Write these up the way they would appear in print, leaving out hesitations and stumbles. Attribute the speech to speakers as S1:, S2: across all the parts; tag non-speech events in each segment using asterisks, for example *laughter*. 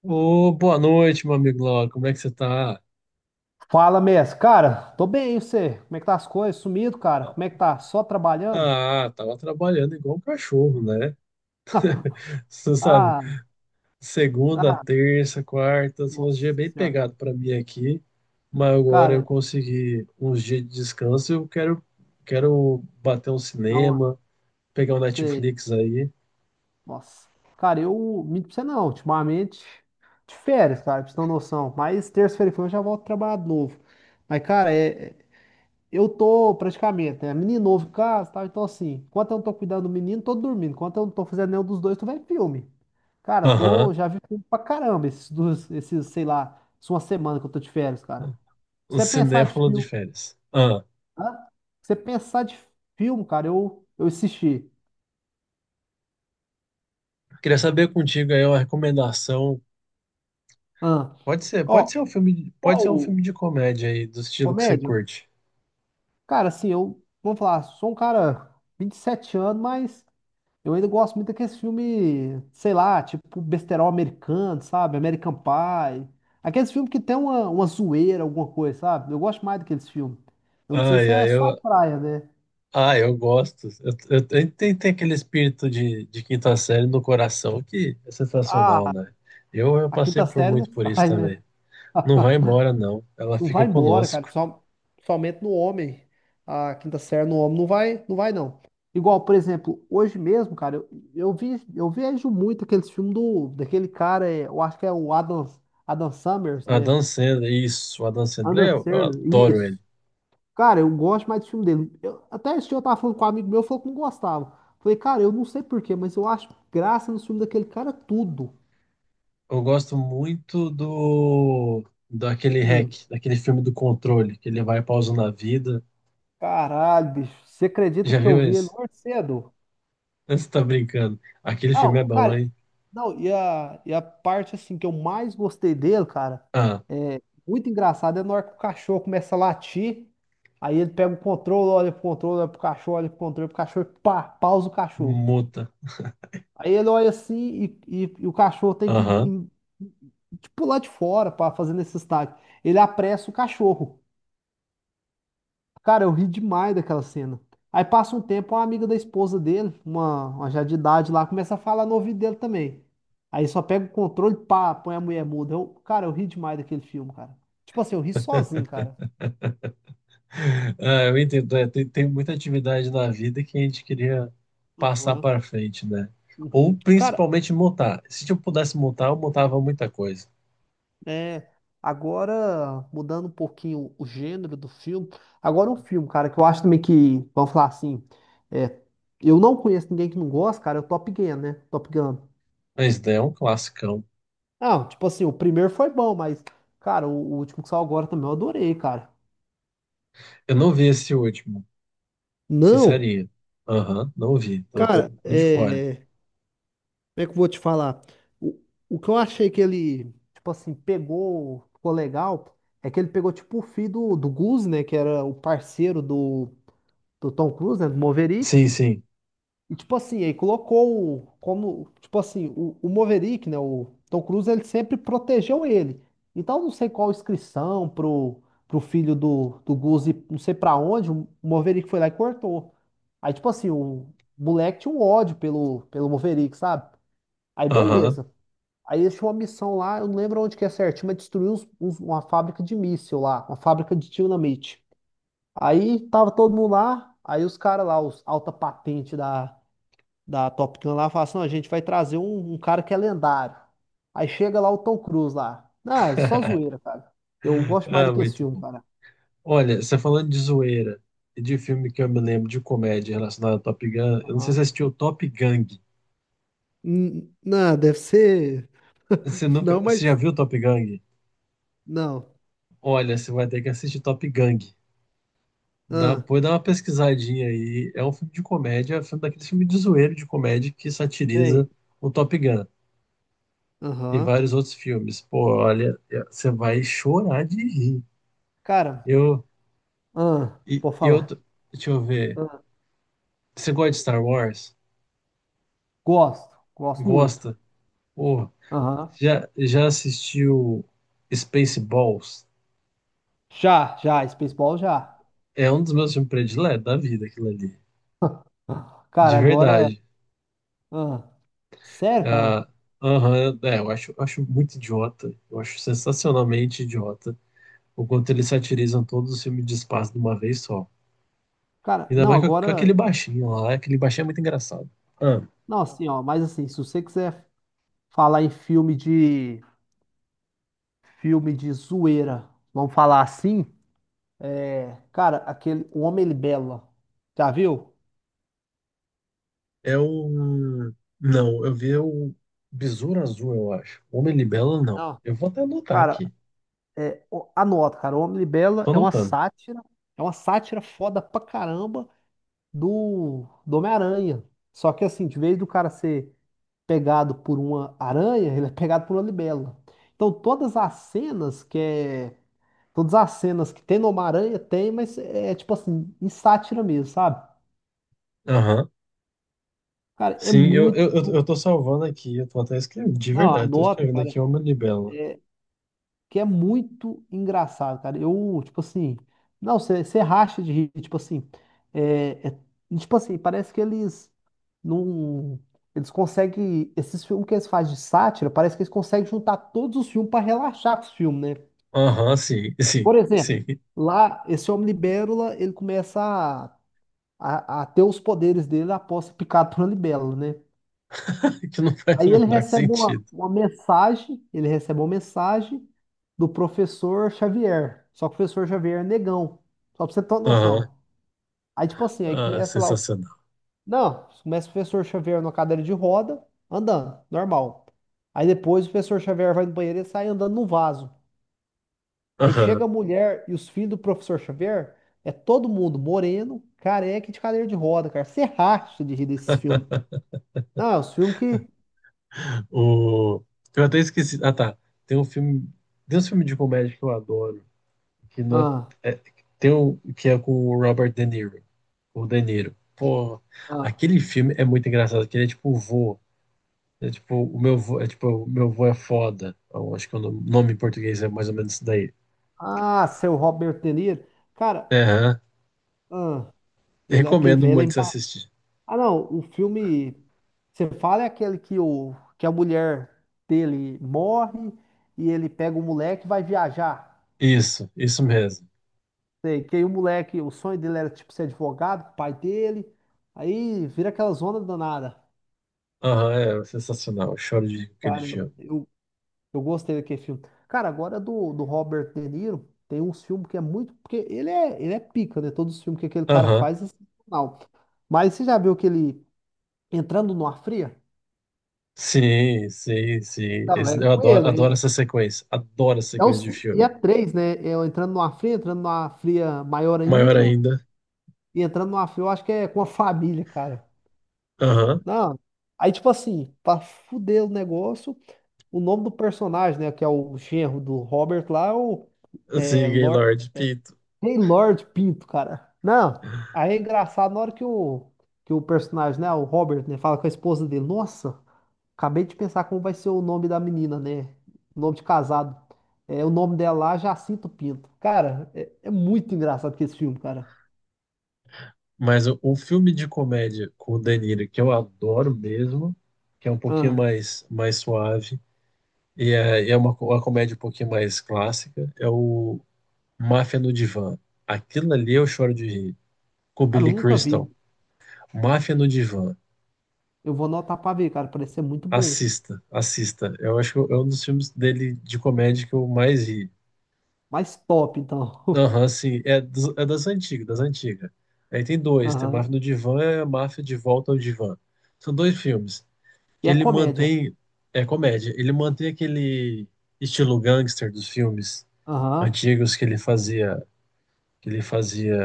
S1: Ô, boa noite, meu amigo Laura. Como é que você tá?
S2: Fala, mestre. Cara, tô bem, e você? Como é que tá as coisas? Sumido, cara? Como é que tá? Só trabalhando?
S1: Ah, tava trabalhando igual um cachorro, né?
S2: *laughs*
S1: *laughs* Você sabe,
S2: Ah,
S1: segunda,
S2: ah,
S1: terça, quarta, são uns dias
S2: nossa
S1: bem
S2: senhora.
S1: pegados pra mim aqui, mas agora eu
S2: Cara,
S1: consegui uns dias de descanso. Quero bater um
S2: não,
S1: cinema, pegar um
S2: você,
S1: Netflix aí.
S2: nossa. Cara, minto pra você não, ultimamente, de férias, cara, pra você ter uma noção. Mas terça-feira que vem eu já volto a trabalhar de novo. Mas, cara, eu tô praticamente, né? Menino novo em casa, tá? Então, assim, enquanto eu não tô cuidando do menino, tô dormindo. Enquanto eu não tô fazendo nenhum dos dois, tô vendo filme. Cara,
S1: Aham.
S2: tô, já vi filme pra caramba esses dois, esses, sei lá, isso é uma semana que eu tô de férias, cara. Se
S1: Um
S2: você pensar de
S1: cinéfilo de
S2: filme,
S1: férias. Ah,
S2: hã? Se você pensar de filme, cara, eu assisti.
S1: queria saber contigo aí uma recomendação.
S2: Hã?
S1: Pode
S2: Ó,
S1: ser um filme, pode ser um
S2: qual
S1: filme de comédia aí, do estilo que você
S2: comédia?
S1: curte.
S2: Cara, assim, eu, vamos falar, sou um cara 27 anos, mas eu ainda gosto muito daqueles filmes, sei lá, tipo besterol americano, sabe? American Pie. Aqueles filmes que tem uma zoeira, alguma coisa, sabe? Eu gosto mais daqueles filmes. Eu não sei
S1: Ai,
S2: se é
S1: ai, eu,
S2: sua praia, né?
S1: ai, eu gosto. Tem aquele espírito de quinta série no coração que é sensacional,
S2: Ah,
S1: né? Eu
S2: a
S1: passei
S2: quinta
S1: por
S2: série não
S1: muito por isso
S2: sai, né?
S1: também. Não vai
S2: *laughs*
S1: embora, não. Ela
S2: Não
S1: fica
S2: vai embora, cara.
S1: conosco.
S2: Só, somente no homem. A quinta série no homem não vai, não. Igual, por exemplo, hoje mesmo, cara, eu vi, eu vejo muito aqueles filmes do, daquele cara, é, eu acho que é o Adam, Adam Summers,
S1: Adam
S2: né?
S1: Sandler, isso, o Adam Sandler,
S2: Adam
S1: eu
S2: Sandler,
S1: adoro ele.
S2: isso. Cara, eu gosto mais do filme dele. Eu- até esse dia eu tava falando com um amigo meu, falou que não gostava. Falei, cara, eu não sei por quê, mas eu acho graça no filme daquele cara tudo.
S1: Eu gosto muito do daquele
S2: Hum,
S1: hack, daquele filme do controle, que ele vai pausando a vida.
S2: caralho, bicho. Você acredita
S1: Já
S2: que eu
S1: viu
S2: vi ele
S1: esse?
S2: mais cedo?
S1: *laughs* Você tá brincando. Aquele filme é
S2: Não,
S1: bom,
S2: cara,
S1: hein?
S2: não, e a parte assim que eu mais gostei dele, cara,
S1: Ah,
S2: é muito engraçado, é na hora que o cachorro começa a latir, aí ele pega o controle, olha pro cachorro, olha pro controle, pro cachorro, e pá, pausa o cachorro.
S1: muta.
S2: Aí ele olha assim e o cachorro tem que
S1: Aham.
S2: em- tipo, pular de fora para fazer nesse estágio. Ele apressa o cachorro. Cara, eu ri demais daquela cena. Aí passa um tempo, uma amiga da esposa dele, uma já de idade lá, começa a falar no ouvido dele também. Aí só pega o controle, pá, põe a mulher muda. Eu, cara, eu ri demais daquele filme, cara. Tipo assim, eu ri sozinho, cara.
S1: Ah, eu entendo, é, tem muita atividade na vida que a gente queria passar
S2: Aham.
S1: para frente, né? Ou
S2: Uhum. Cara,
S1: principalmente montar. Se eu pudesse montar, eu montava muita coisa.
S2: é, agora, mudando um pouquinho o gênero do filme, agora um filme, cara, que eu acho também que, vamos falar assim, é, eu não conheço ninguém que não gosta, cara, é o Top Gun, né? Top Gun.
S1: Mas né, é um classicão.
S2: Não, tipo assim, o primeiro foi bom, mas, cara, o último que saiu agora também eu adorei, cara.
S1: Eu não vi esse último,
S2: Não,
S1: sincerinho. Aham, não vi. Eu tô
S2: cara,
S1: de fora.
S2: é. Como é que eu vou te falar? O, o que eu achei que ele. Tipo assim, pegou, ficou legal, é que ele pegou, tipo, o filho do, do Goose, né, que era o parceiro do, do Tom Cruise, né, do Maverick.
S1: Sim, sim.
S2: E, tipo assim, aí colocou o- como, tipo assim, o Maverick, né, o Tom Cruise, ele sempre protegeu ele. Então, não sei qual inscrição pro, pro filho do, do Goose, ir não sei pra onde, o Maverick foi lá e cortou. Aí, tipo assim, o moleque tinha um ódio pelo, pelo Maverick, sabe? Aí,
S1: Aham.
S2: beleza. Aí eles tinham uma missão lá, eu não lembro onde que é certinho, mas destruiu uns- uns- uma fábrica de míssil lá, uma fábrica de dinamite. Aí tava todo mundo lá, aí os caras lá, os alta patente da da Top Gun lá, fala assim, não, a gente vai trazer um, um cara que é lendário. Aí chega lá o Tom Cruise lá. Ah, é só zoeira,
S1: *laughs*
S2: cara. Eu gosto mais
S1: Ah,
S2: do que esse
S1: muito
S2: filme,
S1: bom.
S2: cara.
S1: Olha, você falando de zoeira e de filme que eu me lembro de comédia relacionado ao Top Gun, eu não sei se você
S2: Aham.
S1: assistiu Top Gang.
S2: Não, deve ser.
S1: Você nunca,
S2: Não, mas.
S1: você já viu Top Gun?
S2: Não.
S1: Olha, você vai ter que assistir Top Gang. Dá,
S2: Ah,
S1: depois dá uma pesquisadinha aí. É um filme de comédia, é um filme daquele filme de zoeiro de comédia que
S2: sei.
S1: satiriza o Top Gun e
S2: Aham.
S1: vários outros filmes. Pô, olha, é- você vai chorar de rir.
S2: Cara,
S1: Eu,
S2: ah, vou
S1: e eu,
S2: falar.
S1: t- deixa eu ver.
S2: Ah,
S1: Você gosta de Star Wars?
S2: gosto. Gosto muito.
S1: Gosta? Pô,
S2: Aham.
S1: já assistiu Spaceballs?
S2: Já, já. Spaceball já.
S1: É um dos meus filmes prediletos da vida, aquilo ali.
S2: *laughs* Cara,
S1: De
S2: agora.
S1: verdade.
S2: Ah, sério,
S1: Ah,
S2: cara?
S1: Aham, é, eu acho, acho muito idiota. Eu acho sensacionalmente idiota o quanto eles satirizam todos os filmes de espaço de uma vez só.
S2: Cara,
S1: Ainda
S2: não,
S1: mais com
S2: agora.
S1: aquele baixinho lá. Aquele baixinho é muito engraçado. Ah,
S2: Não, assim, ó. Mas assim, se você quiser. Falar em filme de zoeira, vamos falar assim? É, cara, aquele O Homem Libela, já viu?
S1: é o. Não, eu vi o Besouro Azul, eu acho. Homem Libelo, não.
S2: Não.
S1: Eu vou até anotar
S2: Cara,
S1: aqui.
S2: é, o- anota, cara, O Homem Libela
S1: Tô anotando.
S2: é uma sátira foda pra caramba do, do Homem-Aranha. Só que assim, de vez do cara ser pegado por uma aranha, ele é pegado por uma libela. Então todas as cenas que é, todas as cenas que tem no Homem-Aranha tem, mas é tipo assim, em sátira mesmo, sabe?
S1: Aham.
S2: Cara, é
S1: Sim, eu
S2: muito.
S1: tô salvando aqui. Eu tô até escrevendo, de
S2: Não,
S1: verdade. Tô
S2: anota,
S1: escrevendo
S2: cara.
S1: aqui Homem Libelo.
S2: É... que é muito engraçado, cara. Eu, tipo assim. Não, você racha de rir, tipo assim. É... é- e, tipo assim, parece que eles não. Eles conseguem. Esses filmes que eles fazem de sátira, parece que eles conseguem juntar todos os filmes para relaxar com os filmes, né?
S1: Aham, sim, sim,
S2: Por exemplo,
S1: sim.
S2: lá, esse homem libélula, ele começa a, a ter os poderes dele após ser picado por uma libélula, né?
S1: *laughs* Que não faz o
S2: Aí ele
S1: menor
S2: recebe uma,
S1: sentido.
S2: uma mensagem, ele recebe uma mensagem do professor Xavier. Só que o professor Xavier é negão. Só pra você ter uma
S1: Aham.
S2: noção. Aí, tipo assim, aí
S1: Ah,
S2: começa lá. O-
S1: sensacional.
S2: Não, começa o professor Xavier na cadeira de roda, andando, normal. Aí depois o professor Xavier vai no banheiro e sai andando no vaso. Aí
S1: Aham.
S2: chega a mulher e os filhos do professor Xavier, é todo mundo moreno, careca e de cadeira de roda, cara. Você racha de rir desses filmes.
S1: *laughs*
S2: Não, é os filmes que.
S1: O... Eu até esqueci. Ah, tá. Tem um filme. Tem um filme de comédia que eu adoro. Que não
S2: Ah,
S1: é... é- Tem um que é com o Robert De Niro. O De Niro. Pô,
S2: ah.
S1: aquele filme é muito engraçado. Que ele é tipo o vô. É tipo, o meu vô é tipo, o meu vô é foda. Eu acho que o nome nome em português é mais ou menos isso daí.
S2: Ah, seu Robert De Niro. Cara,
S1: Aham.
S2: ah, ele, é aquele
S1: Recomendo
S2: velho é
S1: muito você
S2: emba...
S1: assistir.
S2: Ah, não, o filme. Você fala é aquele que, o, que a mulher dele morre e ele pega o moleque e vai viajar.
S1: Isso mesmo.
S2: Sei, que aí o moleque, o sonho dele era tipo ser advogado, pai dele. Aí vira aquela zona danada.
S1: Aham, é sensacional. Eu choro de rir com aquele
S2: Cara,
S1: filme.
S2: eu, Eu gostei daquele filme. Cara, agora do, do Robert De Niro, tem uns filmes que é muito. Porque ele é pica, né? Todos os filmes que aquele cara
S1: Aham.
S2: faz é sensacional. Mas você já viu aquele Entrando numa Fria?
S1: Sim, sim, sim.
S2: Não, é
S1: Esse- Eu
S2: com
S1: adoro,
S2: ele.
S1: adoro
S2: Né?
S1: essa sequência. Adoro essa
S2: É um,
S1: sequência de
S2: e
S1: filme.
S2: é três, né? É o Entrando numa Fria maior
S1: Maior
S2: ainda.
S1: ainda.
S2: E Entrando numa Fria, eu acho que é com a família, cara.
S1: Aham.
S2: Não. Aí, tipo assim, pra fuder o negócio, o nome do personagem, né? Que é o genro do Robert lá, é o. É,
S1: Sim,
S2: Lor-
S1: Gaylord, Pito.
S2: Hey Lord Pinto, cara. Não, aí é engraçado na hora que o personagem, né, o Robert, né, fala com a esposa dele. Nossa, acabei de pensar como vai ser o nome da menina, né? Nome de casado. É, o nome dela lá, Jacinto Pinto. Cara, é, é muito engraçado que esse filme, cara.
S1: Mas o filme de comédia com o De Niro, que eu adoro mesmo, que é um pouquinho
S2: Ah,
S1: mais, mais suave, e é uma, co- uma comédia um pouquinho mais clássica, é o Máfia no Divã. Aquilo ali eu choro de rir. Com o
S2: cara, eu
S1: Billy
S2: nunca
S1: Crystal.
S2: vi.
S1: Máfia no Divã.
S2: Eu vou anotar pra ver, cara. Parece ser muito bom.
S1: Assista, assista. Eu acho que é um dos filmes dele de comédia que eu mais ri.
S2: Mais top, então.
S1: Aham, sim. É, dos- é das antigas, das antigas. Aí tem
S2: *laughs*
S1: dois, tem Máfia
S2: Aham.
S1: no Divã e a Máfia de Volta ao Divã. São dois filmes
S2: E
S1: que
S2: é
S1: ele
S2: comédia.
S1: mantém, é comédia, ele mantém aquele estilo gangster dos filmes
S2: Aham,
S1: antigos que ele fazia,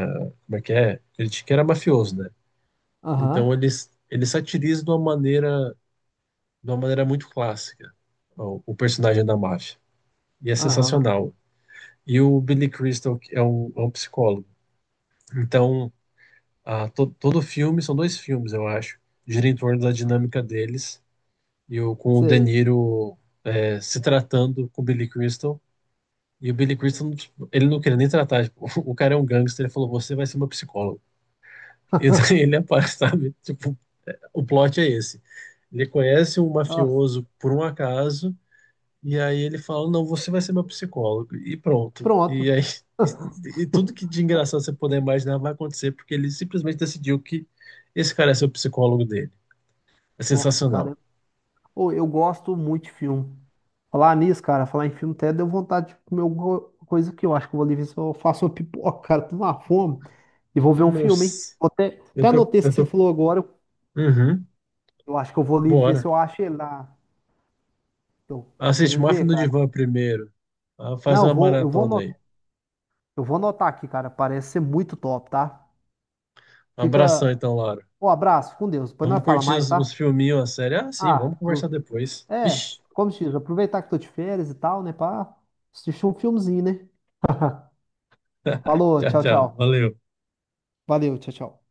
S1: como é que é? Ele t- que era mafioso, né? Então
S2: aham,
S1: ele, s- ele satiriza de uma maneira muito clássica o personagem da máfia. E é
S2: aham.
S1: sensacional. E o Billy Crystal é um psicólogo. Então, a to, todo filme, são dois filmes, eu acho, gira em torno da dinâmica deles, e o, com o De
S2: Sei.
S1: Niro é, se tratando com o Billy Crystal, e o Billy Crystal, ele não queria nem tratar, tipo, *laughs* o cara é um gangster, ele falou, você vai ser uma psicóloga E daí
S2: *laughs*
S1: ele *laughs* aparece, sabe? Tipo, o plot é esse. Ele conhece um
S2: Nossa.
S1: mafioso por um acaso, e aí ele fala, não, você vai ser meu psicólogo. E pronto. E
S2: Pronto.
S1: aí *laughs* e tudo
S2: *laughs*
S1: que de engraçado você puder imaginar vai acontecer, porque ele simplesmente decidiu que esse cara é seu psicólogo dele. É
S2: Nossa,
S1: sensacional.
S2: cara. Ô, eu gosto muito de filme. Falar nisso, cara, falar em filme até deu vontade de comer alguma coisa que eu acho que eu vou ali ver se eu faço uma pipoca, cara. Tô numa fome e vou ver um filme, hein?
S1: Nossa,
S2: Vou até, até anotei esse
S1: eu
S2: que você
S1: tô.
S2: falou agora. Eu
S1: Uhum,
S2: eu acho que eu vou ali ver se
S1: bora.
S2: eu acho ele lá. Eu tô
S1: Assiste
S2: querendo
S1: Máfia
S2: ver,
S1: no
S2: cara.
S1: Divã primeiro. Ah, Faz
S2: Não,
S1: uma maratona aí.
S2: eu vou anotar aqui, cara. Parece ser muito top, tá?
S1: Um abração
S2: Fica.
S1: então, Laura.
S2: Um abraço, com Deus. Depois
S1: Vamos
S2: nós fala
S1: curtir
S2: mais, tá?
S1: os filminhos, a série. Ah, sim, vamos
S2: Ah,
S1: conversar
S2: cru.
S1: depois.
S2: É,
S1: Vixe,
S2: como se diz, aproveitar que tô de férias e tal, né, pá, assistir um filmezinho, né? Falou,
S1: tchau,
S2: tchau,
S1: tchau.
S2: tchau.
S1: Valeu.
S2: Valeu, tchau, tchau.